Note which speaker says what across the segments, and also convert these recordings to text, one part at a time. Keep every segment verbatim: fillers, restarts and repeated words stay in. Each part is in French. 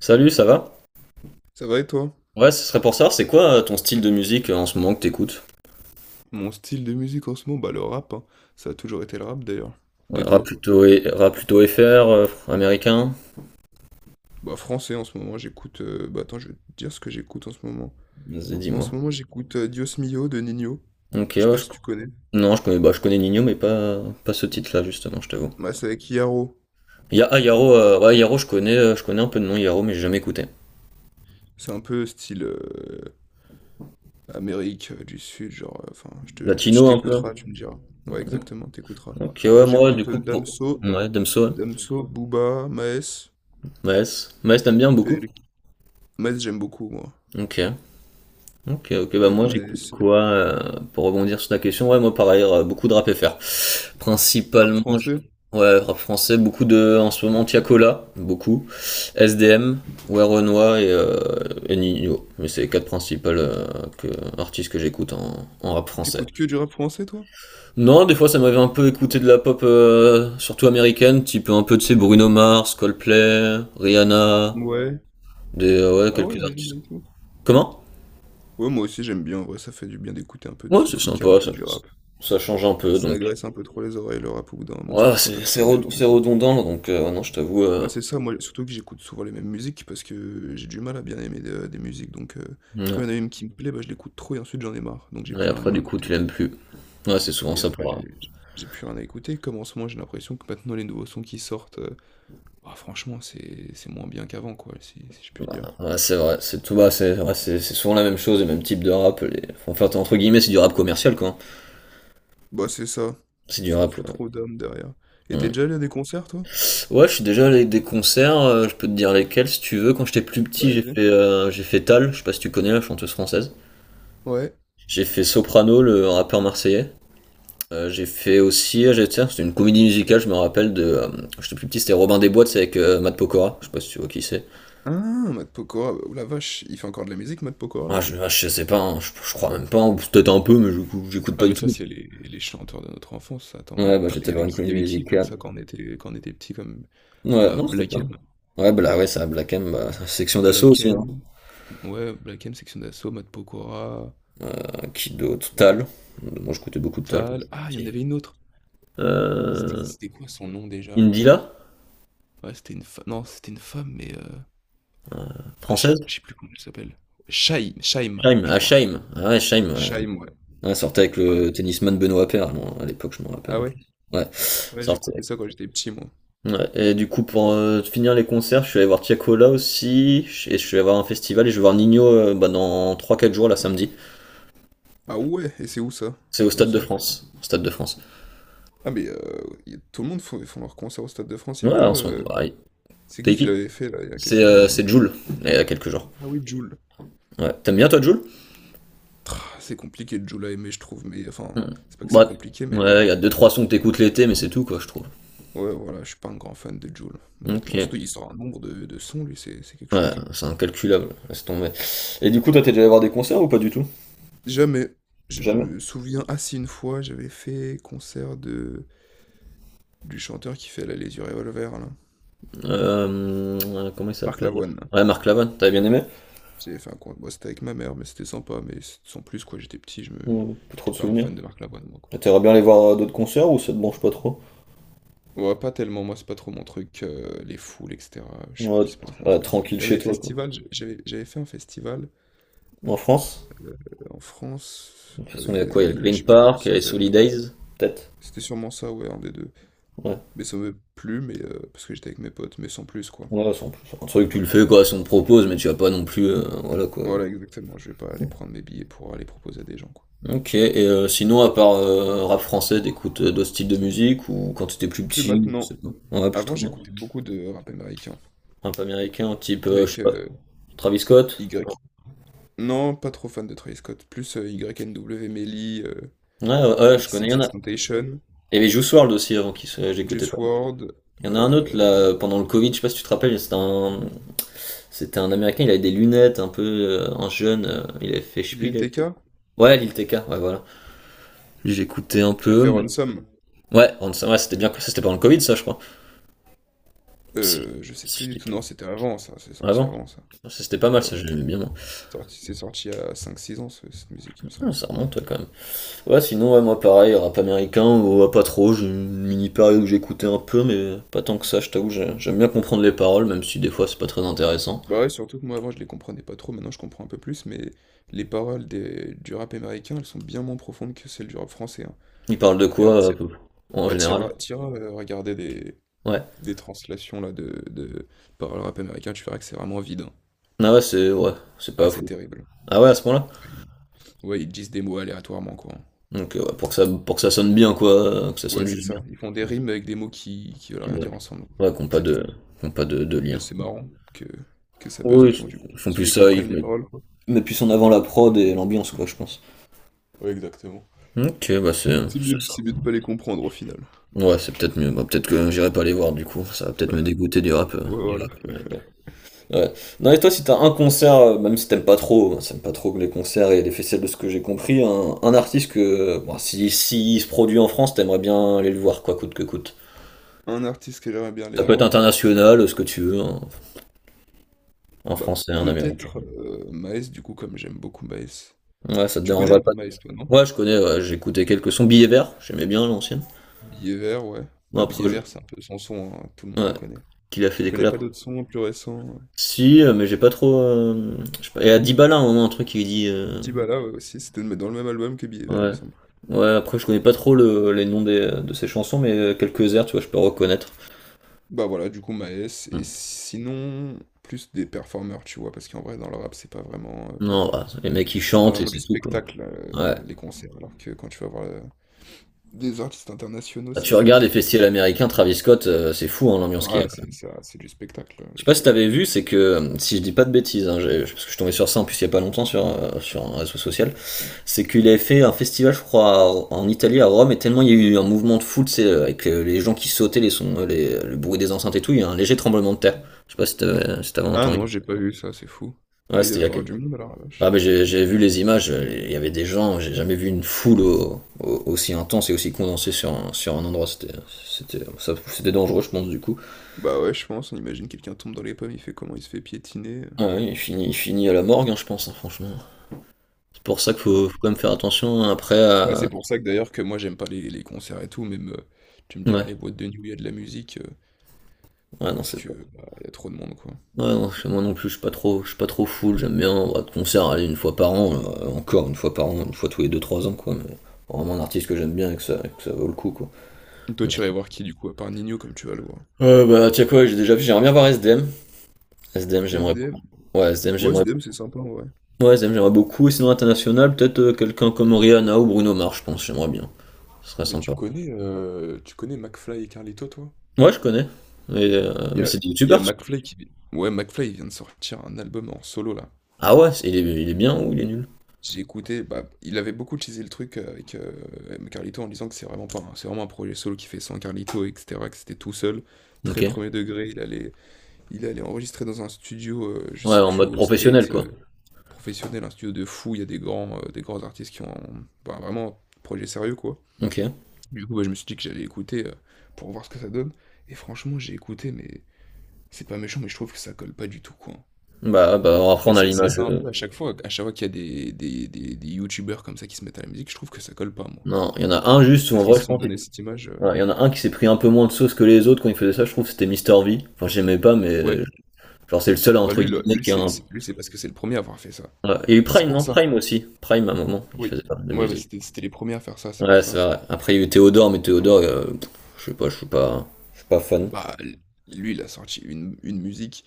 Speaker 1: Salut, ça va?
Speaker 2: Ça va et toi?
Speaker 1: Ouais, ce serait pour ça. C'est quoi euh, ton style de musique euh, en ce moment que t'écoutes?
Speaker 2: Mon style de musique en ce moment, bah le rap, hein. Ça a toujours été le rap d'ailleurs.
Speaker 1: Ouais,
Speaker 2: Et
Speaker 1: rap
Speaker 2: toi?
Speaker 1: plutôt, et- rap plutôt F R, euh, américain?
Speaker 2: Bah français en ce moment, j'écoute... euh, bah attends, je vais te dire ce que j'écoute en ce moment.
Speaker 1: Vas-y,
Speaker 2: En
Speaker 1: dis-moi.
Speaker 2: ce moment, j'écoute euh, Dios Mio de Nino.
Speaker 1: Ok,
Speaker 2: Je sais
Speaker 1: ouais,
Speaker 2: pas
Speaker 1: je...
Speaker 2: si tu connais.
Speaker 1: Non, je connais, bah, je connais Nino, mais pas, pas ce titre-là, justement, je t'avoue.
Speaker 2: Bah c'est avec Yaro.
Speaker 1: Il y a, ah, Yaro, euh, ouais, Yaro, je connais, euh, je connais un peu de nom, Yaro, mais j'ai jamais écouté.
Speaker 2: C'est un peu style euh, Amérique euh, du Sud, genre... euh, enfin, je te, je
Speaker 1: Latino, un peu?
Speaker 2: t'écouteras, tu me diras. Ouais, exactement, t'écouteras.
Speaker 1: Ok,
Speaker 2: Sinon,
Speaker 1: ouais, moi, du
Speaker 2: j'écoute
Speaker 1: coup,
Speaker 2: euh,
Speaker 1: pour...
Speaker 2: Damso,
Speaker 1: Ouais, Damso, ouais.
Speaker 2: Damso, Booba, Maes,
Speaker 1: Maes. Maes, t'aimes bien beaucoup?
Speaker 2: P L K. Maes, j'aime beaucoup, moi.
Speaker 1: Ok. Ok, ok, bah
Speaker 2: Euh,
Speaker 1: moi j'écoute
Speaker 2: Maes,
Speaker 1: quoi euh, pour rebondir sur ta question? Ouais, moi pareil, euh, beaucoup de rap F R,
Speaker 2: rap
Speaker 1: principalement, je-
Speaker 2: français.
Speaker 1: ouais, rap français, beaucoup de, en ce moment, Tiakola, beaucoup, S D M, ouais Renoir et, euh, et Nino. Mais c'est les quatre principales euh, que, artistes que j'écoute en, en rap français.
Speaker 2: T'écoutes que du rap français, toi?
Speaker 1: Non, des fois ça m'avait un peu écouté de la pop, euh, surtout américaine, type un peu de ces Bruno Mars, Coldplay, Rihanna,
Speaker 2: Ouais.
Speaker 1: des, ouais,
Speaker 2: Ah ouais,
Speaker 1: quelques
Speaker 2: Origin
Speaker 1: artistes.
Speaker 2: et tout.
Speaker 1: Comment?
Speaker 2: Ouais, moi aussi j'aime bien, en vrai, ça fait du bien d'écouter un peu de
Speaker 1: Ouais,
Speaker 2: son
Speaker 1: c'est
Speaker 2: plus calme
Speaker 1: sympa,
Speaker 2: que
Speaker 1: ça,
Speaker 2: du rap.
Speaker 1: ça change un peu,
Speaker 2: Ça
Speaker 1: donc.
Speaker 2: agresse un peu trop les oreilles, le rap, au bout d'un moment,
Speaker 1: Ouais,
Speaker 2: surtout quand t'as
Speaker 1: c'est
Speaker 2: plus
Speaker 1: c'est
Speaker 2: rien à
Speaker 1: red- c'est
Speaker 2: écouter.
Speaker 1: redondant, donc euh, ouais, non, je t'avoue.
Speaker 2: Bah
Speaker 1: Euh,
Speaker 2: c'est ça, moi, surtout que j'écoute souvent les mêmes musiques, parce que j'ai du mal à bien aimer de- des musiques, donc euh,
Speaker 1: ouais.
Speaker 2: quand il y en a une qui me plaît, bah je l'écoute trop et ensuite j'en ai marre, donc j'ai
Speaker 1: Et
Speaker 2: plus rien
Speaker 1: après,
Speaker 2: à
Speaker 1: du coup,
Speaker 2: écouter.
Speaker 1: tu l'aimes plus. Ouais, c'est souvent
Speaker 2: Et
Speaker 1: ça
Speaker 2: après j'ai
Speaker 1: pour.
Speaker 2: j'ai- j'ai plus rien à écouter, comme en ce moment j'ai l'impression que maintenant les nouveaux sons qui sortent, euh, bah franchement c'est c'est moins bien qu'avant, quoi, si, si je
Speaker 1: euh,
Speaker 2: puis dire.
Speaker 1: ouais, ouais, c'est vrai, c'est tout bas, c'est ouais, c'est c'est souvent la même chose, le même type de rap. Les... Enfin, entre guillemets, c'est du rap commercial, quoi, hein.
Speaker 2: Bah c'est ça,
Speaker 1: C'est du
Speaker 2: ça a
Speaker 1: rap.
Speaker 2: plus trop d'âme derrière. Et
Speaker 1: Ouais.
Speaker 2: t'es
Speaker 1: Mm.
Speaker 2: déjà allé à des concerts, toi?
Speaker 1: Ouais, je suis déjà allé à des concerts, euh, je peux te dire lesquels si tu veux. Quand j'étais plus
Speaker 2: Bah,
Speaker 1: petit, j'ai
Speaker 2: vas-y.
Speaker 1: fait, euh, j'ai fait Tal, je sais pas si tu connais la chanteuse française.
Speaker 2: Ouais.
Speaker 1: J'ai fait Soprano, le rappeur marseillais. Euh, j'ai fait aussi, euh, j'ai- tiens, c'était une comédie musicale, je me rappelle de. euh, J'étais plus petit, c'était Robin des Bois, c'est avec euh, Matt Pokora, je sais pas si tu vois qui c'est.
Speaker 2: Ah, Matt Pokora, bah, oh la vache, il fait encore de la musique, Matt Pokora,
Speaker 1: Ah,
Speaker 2: là?
Speaker 1: je, ah, je sais pas, hein, je, je crois même pas, ou peut-être un peu, mais je- j'écoute
Speaker 2: Ah,
Speaker 1: pas du
Speaker 2: mais ça,
Speaker 1: tout.
Speaker 2: c'est les, les chanteurs de notre enfance. Attends.
Speaker 1: Ouais,
Speaker 2: Matt
Speaker 1: bah
Speaker 2: Pa- Il
Speaker 1: j'étais
Speaker 2: y
Speaker 1: voir
Speaker 2: avait
Speaker 1: une
Speaker 2: qui, il y
Speaker 1: comédie
Speaker 2: avait qui comme
Speaker 1: musicale.
Speaker 2: ça quand on était, quand on était petit comme... Ah
Speaker 1: Ouais,
Speaker 2: bah,
Speaker 1: non, c'était
Speaker 2: Black
Speaker 1: pas mal.
Speaker 2: M.
Speaker 1: Ouais, bah là, ouais, ça, Black M, bah, section d'assaut
Speaker 2: Black
Speaker 1: aussi, hein.
Speaker 2: M. Ouais, Black M, Section d'Assaut, Matt Pokora,
Speaker 1: Euh, Qui d'autre? Tal. Moi, j'écoutais beaucoup de Tal quand
Speaker 2: Tal.
Speaker 1: j'étais
Speaker 2: Ah, il y en
Speaker 1: petit.
Speaker 2: avait une autre. C'était
Speaker 1: Euh,
Speaker 2: c'était quoi son nom déjà?
Speaker 1: Indila,
Speaker 2: Ouais, c'était une femme. Non, c'était une femme, mais... euh, ah, je sais
Speaker 1: française?
Speaker 2: je sais plus comment elle s'appelle. Shaim, Shaima
Speaker 1: Scheim,
Speaker 2: je
Speaker 1: ah,
Speaker 2: crois.
Speaker 1: Scheim. Ah ouais, Scheim, ouais.
Speaker 2: Shaim, ouais.
Speaker 1: Ouais, sortait avec
Speaker 2: Voilà.
Speaker 1: le tennisman Benoît Paire, moi, à l'époque, je me rappelle
Speaker 2: Ah
Speaker 1: en
Speaker 2: ouais?
Speaker 1: plus. Ouais,
Speaker 2: Ouais, j'écoutais
Speaker 1: sortait.
Speaker 2: ça quand j'étais petit, moi.
Speaker 1: Ouais, et du coup, pour euh, finir les concerts, je suis allé voir Tiakola aussi, et je suis allé voir un festival, et je vais voir Nino euh, bah, dans trois quatre jours, là, samedi.
Speaker 2: Ah ouais? Et c'est où ça,
Speaker 1: C'est au
Speaker 2: le
Speaker 1: Stade de
Speaker 2: concert?
Speaker 1: France. Au Stade de France.
Speaker 2: Ah mais, heu, y tout le monde font font leur concert au Stade de France, y a
Speaker 1: Ouais,
Speaker 2: pas,
Speaker 1: en ce moment,
Speaker 2: heu,
Speaker 1: pareil.
Speaker 2: c'est qui
Speaker 1: T'es
Speaker 2: qui
Speaker 1: qui?
Speaker 2: l'avait fait là, il y a
Speaker 1: C'est
Speaker 2: quelques jours
Speaker 1: euh,
Speaker 2: là?
Speaker 1: c'est Jules, il y a quelques jours.
Speaker 2: Ah oui, Jul.
Speaker 1: Ouais. T'aimes bien, toi, Jules?
Speaker 2: Ah c'est compliqué de Jul à aimer je trouve, mais enfin,
Speaker 1: Hmm.
Speaker 2: c'est pas que c'est
Speaker 1: Ouais,
Speaker 2: compliqué mais
Speaker 1: ouais, il y a deux trois sons que t'écoutes l'été, mais c'est tout, quoi, je trouve.
Speaker 2: ouais voilà, je suis pas un grand fan de Jul,
Speaker 1: Ok.
Speaker 2: honnêtement. Surtout il sort un nombre de de sons lui, c'est c'est quelque
Speaker 1: Ouais,
Speaker 2: chose, hein.
Speaker 1: c'est incalculable, laisse tomber. Et du coup, toi, t'es déjà allé voir des concerts ou pas du tout?
Speaker 2: Jamais, je
Speaker 1: Jamais.
Speaker 2: me souviens ah si, une fois j'avais fait concert de du chanteur qui fait là Les Yeux Revolver là,
Speaker 1: Euh, euh, comment il
Speaker 2: Marc
Speaker 1: s'appelle?
Speaker 2: Lavoine là.
Speaker 1: Ouais, Marc Lavoine, t'avais bien aimé?
Speaker 2: J'avais fait un concert bon c'était avec ma mère mais c'était sympa mais s sans plus quoi, j'étais petit, je me
Speaker 1: Ou plus trop
Speaker 2: j'étais
Speaker 1: de
Speaker 2: pas un
Speaker 1: souvenirs.
Speaker 2: fan de Marc Lavoine moi, quoi.
Speaker 1: T'aimerais bien aller voir d'autres concerts ou ça te branche pas trop?
Speaker 2: Ouais, pas tellement, moi c'est pas trop mon truc, heu, les foules et cetera, je
Speaker 1: Ouais, tu
Speaker 2: c'est pas trop mon
Speaker 1: préfères être
Speaker 2: truc.
Speaker 1: tranquille
Speaker 2: Même
Speaker 1: chez
Speaker 2: les
Speaker 1: toi, quoi.
Speaker 2: festivals, j j'avais j'avais fait un festival,
Speaker 1: En France?
Speaker 2: heu, en France
Speaker 1: De toute façon, il
Speaker 2: avec
Speaker 1: y a
Speaker 2: des
Speaker 1: quoi? Il y a le
Speaker 2: amis, mais je
Speaker 1: Green
Speaker 2: sais plus comment
Speaker 1: Park, il y
Speaker 2: ça
Speaker 1: a
Speaker 2: s'appelle.
Speaker 1: les Days, peut-être.
Speaker 2: C'était sûrement ça, ouais, un des deux.
Speaker 1: Ouais.
Speaker 2: Mais ça m'avait plu, mais heu, parce que j'étais avec mes potes, mais sans plus, quoi.
Speaker 1: Ouais, c'est plus. C'est un truc que tu le fais, quoi, si on te propose, mais tu vas pas non plus. euh, voilà, quoi.
Speaker 2: Voilà, exactement, je vais pas aller prendre mes billets pour aller proposer à des gens, quoi.
Speaker 1: Ok, et euh, sinon, à part euh, rap français, t'écoutes euh, d'autres styles de musique ou quand t'étais plus
Speaker 2: Plus
Speaker 1: petit, ou je sais
Speaker 2: maintenant.
Speaker 1: pas. Ouais, plus
Speaker 2: Avant,
Speaker 1: trop.
Speaker 2: j'écoutais beaucoup de rap américain
Speaker 1: Un peu américain, type, euh, je sais
Speaker 2: avec,
Speaker 1: pas,
Speaker 2: heu,
Speaker 1: Travis Scott.
Speaker 2: Y. Non, pas trop fan de Travis Scott, plus, heu, Y N W, Melly, heu,
Speaker 1: Ouais, ouais, ouais, je connais, il y en a.
Speaker 2: XXXTentacion.
Speaker 1: Et y avait Juice W R L D aussi avant qui se... j'écoutais
Speaker 2: Juice
Speaker 1: pas.
Speaker 2: World,
Speaker 1: Il y en a un autre là
Speaker 2: euh,
Speaker 1: pendant le Covid, je sais pas si tu te rappelles, c'était un c'était un américain, il avait des lunettes, un peu euh, un jeune, euh, il avait fait Spiel,
Speaker 2: Lil
Speaker 1: il avait fait-
Speaker 2: T K,
Speaker 1: ouais, Lil T K, ouais voilà. Lui, j'écoutais un
Speaker 2: qui a
Speaker 1: peu
Speaker 2: fait
Speaker 1: mais
Speaker 2: Ransom.
Speaker 1: ouais, on- ça- ouais, c'était bien ça, c'était pendant le Covid ça, je crois. Si,
Speaker 2: Euh, je sais
Speaker 1: si
Speaker 2: plus
Speaker 1: je
Speaker 2: du
Speaker 1: dis
Speaker 2: tout.
Speaker 1: pas.
Speaker 2: Non, c'était avant ça. C'est sorti
Speaker 1: Avant.
Speaker 2: avant ça.
Speaker 1: Ça, c'était pas mal,
Speaker 2: Ouais,
Speaker 1: ça
Speaker 2: ouais.
Speaker 1: j'aimais bien moi.
Speaker 2: C'est sorti, c'est sorti il y a cinq six ans, ce- cette musique, il me
Speaker 1: Ah,
Speaker 2: semble.
Speaker 1: ça remonte ouais, quand même. Ouais, sinon ouais, moi pareil, rap américain ou ouais, pas trop, j'ai une mini période où j'écoutais un peu mais pas tant que ça, je t'avoue, j'ai- j'aime bien comprendre les paroles même si des fois c'est pas très intéressant.
Speaker 2: Bah ouais, surtout que moi avant, je les comprenais pas trop. Maintenant, je comprends un peu plus. Mais les paroles des- du rap américain, elles sont bien moins profondes que celles du rap français, hein.
Speaker 1: Il parle de
Speaker 2: Et, euh,
Speaker 1: quoi
Speaker 2: ti-
Speaker 1: euh, en
Speaker 2: bah, tira,
Speaker 1: général?
Speaker 2: tira euh, regarder des,
Speaker 1: Ouais.
Speaker 2: des translations là, de, de paroles rap américain, tu verras que c'est vraiment vide, hein.
Speaker 1: Ah ouais, c'est ouais, c'est
Speaker 2: Ah,
Speaker 1: pas
Speaker 2: c'est
Speaker 1: fou.
Speaker 2: terrible.
Speaker 1: Ah ouais, à ce point-là?
Speaker 2: Ouais, ils disent des mots aléatoirement, quoi, hein.
Speaker 1: Donc euh, ouais, pour que ça pour que ça sonne bien quoi, euh, que ça sonne
Speaker 2: Ouais, c'est
Speaker 1: juste bien.
Speaker 2: ça. Ils font des rimes avec des mots qui, qui veulent rien
Speaker 1: Ouais,
Speaker 2: dire ensemble, quoi.
Speaker 1: ouais qu'on pas
Speaker 2: C'est tout.
Speaker 1: de qu'on pas de, de
Speaker 2: Mais
Speaker 1: lien.
Speaker 2: c'est marrant que, que ça buzz
Speaker 1: Oui,
Speaker 2: autant du coup.
Speaker 1: ils font
Speaker 2: Ceux
Speaker 1: plus
Speaker 2: qui
Speaker 1: ça,
Speaker 2: comprennent
Speaker 1: ils
Speaker 2: les
Speaker 1: mettent
Speaker 2: paroles, quoi.
Speaker 1: ils mettent plus en avant la prod et l'ambiance quoi, je pense.
Speaker 2: Ouais, exactement.
Speaker 1: Ok, bah c'est
Speaker 2: C'est
Speaker 1: c'est
Speaker 2: mieux,
Speaker 1: ça.
Speaker 2: c'est mieux de pas les comprendre au final.
Speaker 1: Ouais, c'est peut-être mieux. Bah, peut-être que j'irai pas les voir du coup, ça va peut-être me dégoûter du rap euh,
Speaker 2: Ouais, voilà.
Speaker 1: américain. Ouais. Non, et toi, si t'as un concert, euh, même si t'aimes pas trop, hein, si t'aimes pas trop les concerts et les festivals de ce que j'ai compris, un, un artiste que, euh, bon, si, si il se produit en France, t'aimerais bien aller le voir, quoi, coûte que coûte.
Speaker 2: Un artiste que j'aimerais bien les
Speaker 1: Ça peut être
Speaker 2: voir,
Speaker 1: international, ce que tu veux, hein, un
Speaker 2: bah
Speaker 1: français, un américain.
Speaker 2: peut-être euh, Maes, du coup, comme j'aime beaucoup Maes.
Speaker 1: Ouais, ça te
Speaker 2: Tu connais
Speaker 1: dérangerait
Speaker 2: un
Speaker 1: pas.
Speaker 2: peu Maes, toi, non?
Speaker 1: Ouais, je connais, ouais, j'ai écouté quelques sons. Billet vert, j'aimais bien l'ancienne.
Speaker 2: Billet vert, ouais.
Speaker 1: Bon,
Speaker 2: Bah
Speaker 1: après,
Speaker 2: Billet
Speaker 1: je-
Speaker 2: vert, c'est un peu son son, hein, tout le monde
Speaker 1: ouais,
Speaker 2: le connaît.
Speaker 1: qu'il a fait
Speaker 2: Tu
Speaker 1: des
Speaker 2: connais
Speaker 1: collabs.
Speaker 2: pas d'autres sons plus récents?
Speaker 1: Si, euh, mais j'ai pas trop. Euh, je sais pas. Et à Dybala, à un moment, un truc, il dit. euh,
Speaker 2: Dibala, ouais, aussi, c'était dans le même album que Billet vert, il me
Speaker 1: Ouais.
Speaker 2: semble.
Speaker 1: Ouais, après, je connais pas trop le- les noms des- de ces chansons, mais euh, quelques airs, tu vois, je peux reconnaître.
Speaker 2: Bah voilà, du coup, Maes, et
Speaker 1: Hmm.
Speaker 2: sinon, plus des performeurs, tu vois, parce qu'en vrai, dans le rap, c'est pas vraiment, euh,
Speaker 1: Non, bah, les mecs ils
Speaker 2: c'est pas
Speaker 1: chantent et
Speaker 2: vraiment du
Speaker 1: c'est tout, quoi.
Speaker 2: spectacle,
Speaker 1: Ouais.
Speaker 2: euh, les concerts, alors que quand tu vas voir euh, des artistes internationaux,
Speaker 1: Bah,
Speaker 2: c'est
Speaker 1: tu
Speaker 2: plus
Speaker 1: regardes
Speaker 2: du
Speaker 1: les festivals
Speaker 2: spectacle.
Speaker 1: américains, Travis Scott, euh, c'est fou, hein, l'ambiance qu'il y a,
Speaker 2: Voilà,
Speaker 1: quand
Speaker 2: c'est
Speaker 1: même.
Speaker 2: ça, c'est du spectacle, euh,
Speaker 1: Je sais
Speaker 2: le
Speaker 1: pas si
Speaker 2: truc.
Speaker 1: t'avais vu, c'est que, euh, si je dis pas de bêtises, hein, j'ai- parce que je suis tombé sur ça en plus il y a pas longtemps sur, euh, sur un réseau social, c'est qu'il avait fait un festival, je crois, à- en Italie, à Rome, et tellement il y a eu un mouvement de foule, c'est euh, avec euh, les gens qui sautaient, les sons, euh, les- le bruit des enceintes et tout, il y a un léger tremblement de terre. Je sais pas si t'avais si t'avais
Speaker 2: Ah
Speaker 1: entendu.
Speaker 2: non, j'ai pas vu ça, c'est fou.
Speaker 1: Ouais,
Speaker 2: Bah, il
Speaker 1: c'était
Speaker 2: doit
Speaker 1: il
Speaker 2: y
Speaker 1: y a
Speaker 2: avoir du
Speaker 1: quelques-
Speaker 2: monde, alors, la
Speaker 1: Ah
Speaker 2: vache.
Speaker 1: mais j'ai j'ai vu les images, il y avait des gens, j'ai jamais vu une foule au- au- aussi intense et aussi condensée sur un, sur un endroit, c'était c'était ça- c'était dangereux je pense du coup.
Speaker 2: Bah ouais, je pense, on imagine quelqu'un tombe dans les pommes, il fait comment, il se fait piétiner, euh,
Speaker 1: Ah oui, il finit, il finit à la morgue hein, je pense hein, franchement. C'est pour ça qu'il faut,
Speaker 2: ouais.
Speaker 1: faut quand même faire attention hein, après
Speaker 2: Bah,
Speaker 1: à...
Speaker 2: c'est pour ça que d'ailleurs, que moi, j'aime pas les, les concerts et tout, même, euh, tu me diras,
Speaker 1: Ouais,
Speaker 2: les boîtes de nuit, il y a de la musique, euh,
Speaker 1: ouais non
Speaker 2: parce
Speaker 1: c'est
Speaker 2: que,
Speaker 1: pas...
Speaker 2: bah, il y a trop de monde, quoi.
Speaker 1: Ouais non, c'est- moi non plus je suis pas trop, je suis pas trop foule, j'aime bien on va de concert aller une fois par an, euh, encore une fois par an, une fois tous les deux trois ans quoi, mais vraiment un artiste que j'aime bien et que ça, que ça vaut le coup quoi.
Speaker 2: Toi,
Speaker 1: Mais-
Speaker 2: tu irais voir qui, du coup, à part Nino, comme tu vas le voir?
Speaker 1: Euh, bah tiens quoi, j'ai déjà vu, j'aimerais bien voir S D M S D M
Speaker 2: S
Speaker 1: j'aimerais
Speaker 2: D M.
Speaker 1: ouais, Zem,
Speaker 2: Ouais, S
Speaker 1: j'aimerais
Speaker 2: D M c'est sympa, ouais.
Speaker 1: ouais, Zem, j'aimerais beaucoup. Et sinon, international, peut-être euh, quelqu'un comme Rihanna ou Bruno Mars, je pense, j'aimerais bien. Ce serait
Speaker 2: Ah, mais tu
Speaker 1: sympa.
Speaker 2: connais, euh, tu connais McFly et Carlito, toi?
Speaker 1: Ouais, je connais. Mais, euh,
Speaker 2: Il y
Speaker 1: mais
Speaker 2: a,
Speaker 1: c'est des
Speaker 2: il y a
Speaker 1: youtubeurs, ça.
Speaker 2: McFly qui... vi- ouais, McFly il vient de sortir un album en solo, là.
Speaker 1: Ah ouais, c'est- il est, il est bien ou il est nul?
Speaker 2: J'ai écouté, bah, il avait beaucoup teasé le truc euh, avec euh, Carlito en disant que c'est vraiment pas, un- c'est vraiment un projet solo qui fait sans Carlito, et cetera, que c'était tout seul, très
Speaker 1: Ok.
Speaker 2: premier degré, il allait, il allait enregistrer dans un studio, euh, je
Speaker 1: Ouais,
Speaker 2: sais
Speaker 1: en
Speaker 2: plus
Speaker 1: mode
Speaker 2: où, aux
Speaker 1: professionnel,
Speaker 2: States,
Speaker 1: quoi.
Speaker 2: euh, professionnel, un studio de fou, il y a des grands, euh, des grands artistes qui ont, bah, vraiment, projet sérieux, quoi.
Speaker 1: Ok.
Speaker 2: Du coup, bah, je me suis dit que j'allais écouter euh, pour voir ce que ça donne. Et franchement, j'ai écouté, mais c'est pas méchant, mais je trouve que ça colle pas du tout, quoi.
Speaker 1: Bah, bah alors après,
Speaker 2: Mais
Speaker 1: on a
Speaker 2: c'est c'est
Speaker 1: l'image.
Speaker 2: ça un
Speaker 1: euh,
Speaker 2: peu à chaque fois, à chaque fois qu'il y a des, des, des, des youtubeurs comme ça qui se mettent à la musique, je trouve que ça colle pas, moi.
Speaker 1: Non, il y en a un juste ou
Speaker 2: Parce
Speaker 1: en
Speaker 2: qu'ils
Speaker 1: vrai,
Speaker 2: se
Speaker 1: je
Speaker 2: sont
Speaker 1: pense.
Speaker 2: donné cette image. euh,
Speaker 1: Ouais, il y en a un qui s'est pris un peu moins de sauce que les autres quand il faisait ça, je trouve, c'était Mister V. Enfin, j'aimais pas, mais
Speaker 2: Ouais.
Speaker 1: euh, genre, c'est le seul,
Speaker 2: Bah
Speaker 1: entre
Speaker 2: lui, là,
Speaker 1: guillemets,
Speaker 2: lui,
Speaker 1: qui a
Speaker 2: c'est
Speaker 1: un.
Speaker 2: c'est- lui, c'est parce que c'est le premier à avoir fait ça.
Speaker 1: Ouais. Il y a eu
Speaker 2: C'est
Speaker 1: Prime,
Speaker 2: pour
Speaker 1: non?
Speaker 2: ça.
Speaker 1: Prime aussi. Prime, à un moment, il
Speaker 2: Oui.
Speaker 1: faisait pas mal de
Speaker 2: Ouais, bah
Speaker 1: musique.
Speaker 2: c'était c'était les premiers à faire ça, c'est pour
Speaker 1: Ouais, c'est
Speaker 2: ça.
Speaker 1: vrai. Après, il y a eu Théodore, mais Théodore, euh, pff, je sais pas, je suis pas, je suis pas fan.
Speaker 2: Bah l- lui, il a sorti une, une musique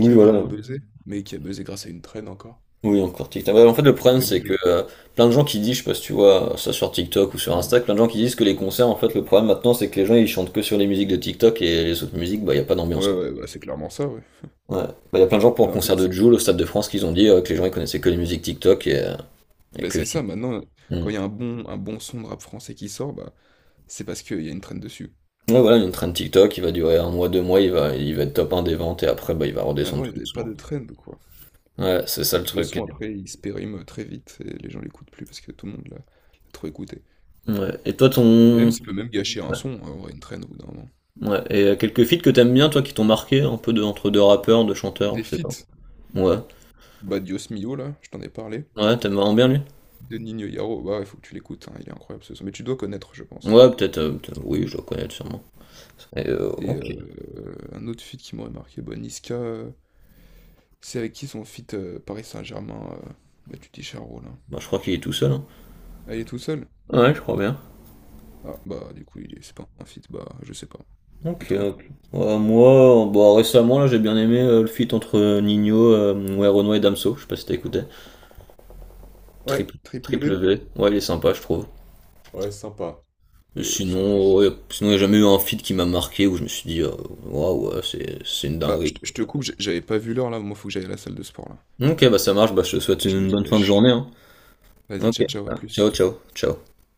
Speaker 2: qui a vraiment
Speaker 1: voilà.
Speaker 2: buzzé, mais qui a buzzé grâce à une traîne encore.
Speaker 1: Oui, encore TikTok. Ouais, en fait, le problème,
Speaker 2: Mais
Speaker 1: c'est
Speaker 2: bon. je-
Speaker 1: que euh, plein de gens qui disent, je sais pas si tu vois ça sur TikTok ou sur Insta, plein de gens qui disent que les concerts, en fait, le problème maintenant, c'est que les gens, ils chantent que sur les musiques de TikTok et les autres musiques, bah, il y a pas d'ambiance,
Speaker 2: Ouais,
Speaker 1: quoi.
Speaker 2: ouais, bah, c'est clairement ça, ouais.
Speaker 1: Ouais. Bah, il y a plein de gens pour
Speaker 2: Mais
Speaker 1: le
Speaker 2: en fait,
Speaker 1: concert de Jul au Stade de France qu'ils ont dit euh, que les gens, ils connaissaient que les musiques TikTok et, euh, et
Speaker 2: ben
Speaker 1: que.
Speaker 2: c'est ça, maintenant,
Speaker 1: Hmm.
Speaker 2: quand il y a un bon, un bon son de rap français qui sort, bah, c'est parce qu'il y a une trend dessus.
Speaker 1: Ouais, voilà, une traîne TikTok, il va durer un mois, deux mois, il va, il va être top un des ventes et après, bah, il va redescendre
Speaker 2: Avant, il
Speaker 1: tout
Speaker 2: n'y avait pas de
Speaker 1: doucement.
Speaker 2: trend, quoi.
Speaker 1: Ouais, c'est ça le
Speaker 2: Le
Speaker 1: truc.
Speaker 2: son, après, il se périme très vite et les gens l'écoutent plus parce que tout le monde l'a l'a trop écouté.
Speaker 1: Ouais. Et toi,
Speaker 2: Et
Speaker 1: ton.
Speaker 2: même, ça peut même gâcher un
Speaker 1: Ouais.
Speaker 2: son, hein, en vrai, une trend au bout d'un moment.
Speaker 1: Ouais. Et euh, quelques feats que t'aimes bien, toi, qui t'ont marqué, un peu de, entre deux rappeurs, deux chanteurs,
Speaker 2: Des
Speaker 1: je sais pas.
Speaker 2: feats,
Speaker 1: Ouais.
Speaker 2: bah Mio, là, je t'en ai parlé.
Speaker 1: Ouais, t'aimes vraiment bien lui?
Speaker 2: De Nino Yaro, bah, il faut que tu l'écoutes, hein, il est incroyable ce son. Mais tu dois connaître, je pense.
Speaker 1: Ouais, peut-être. euh, peut-être- oui, je dois connaître sûrement. Et, euh,
Speaker 2: Et euh,
Speaker 1: ok.
Speaker 2: un autre feat qui m'aurait marqué, bah, Niska, euh, c'est avec qui son feat euh, Paris Saint-Germain, euh, bah, tu dis Charo, là.
Speaker 1: Bah, je crois qu'il est tout seul, hein.
Speaker 2: Ah, il est tout seul?
Speaker 1: Ouais, je crois bien.
Speaker 2: Ah, bah, du coup, il est... c'est pas un fit, bah, je sais pas. Et
Speaker 1: Ok,
Speaker 2: toi?
Speaker 1: ok. Ouais, moi, euh, bah, récemment, là, j'ai bien aimé euh, le feat entre euh, Nino, euh, ouais, Renoir et Damso. Je sais pas si t'as écouté.
Speaker 2: Ouais,
Speaker 1: Triple,
Speaker 2: triple B.
Speaker 1: triple V. Ouais, il est sympa, je trouve.
Speaker 2: Ouais, sympa,
Speaker 1: Mais
Speaker 2: mais sans
Speaker 1: Sinon,
Speaker 2: plus.
Speaker 1: ouais, sinon, il n'y a jamais eu un feat qui m'a marqué où je me suis dit, euh, waouh, ouais, c'est c'est une
Speaker 2: Ah, je
Speaker 1: dinguerie.
Speaker 2: te je te coupe, j'ai- j'avais pas vu l'heure là, moi faut que j'aille à la salle de sport là.
Speaker 1: Ok, bah ça marche, bah je te souhaite
Speaker 2: Je me
Speaker 1: une bonne fin de
Speaker 2: dépêche.
Speaker 1: journée, hein.
Speaker 2: Vas-y,
Speaker 1: Ok,
Speaker 2: ciao, ciao, à plus.
Speaker 1: ciao, ciao, ciao.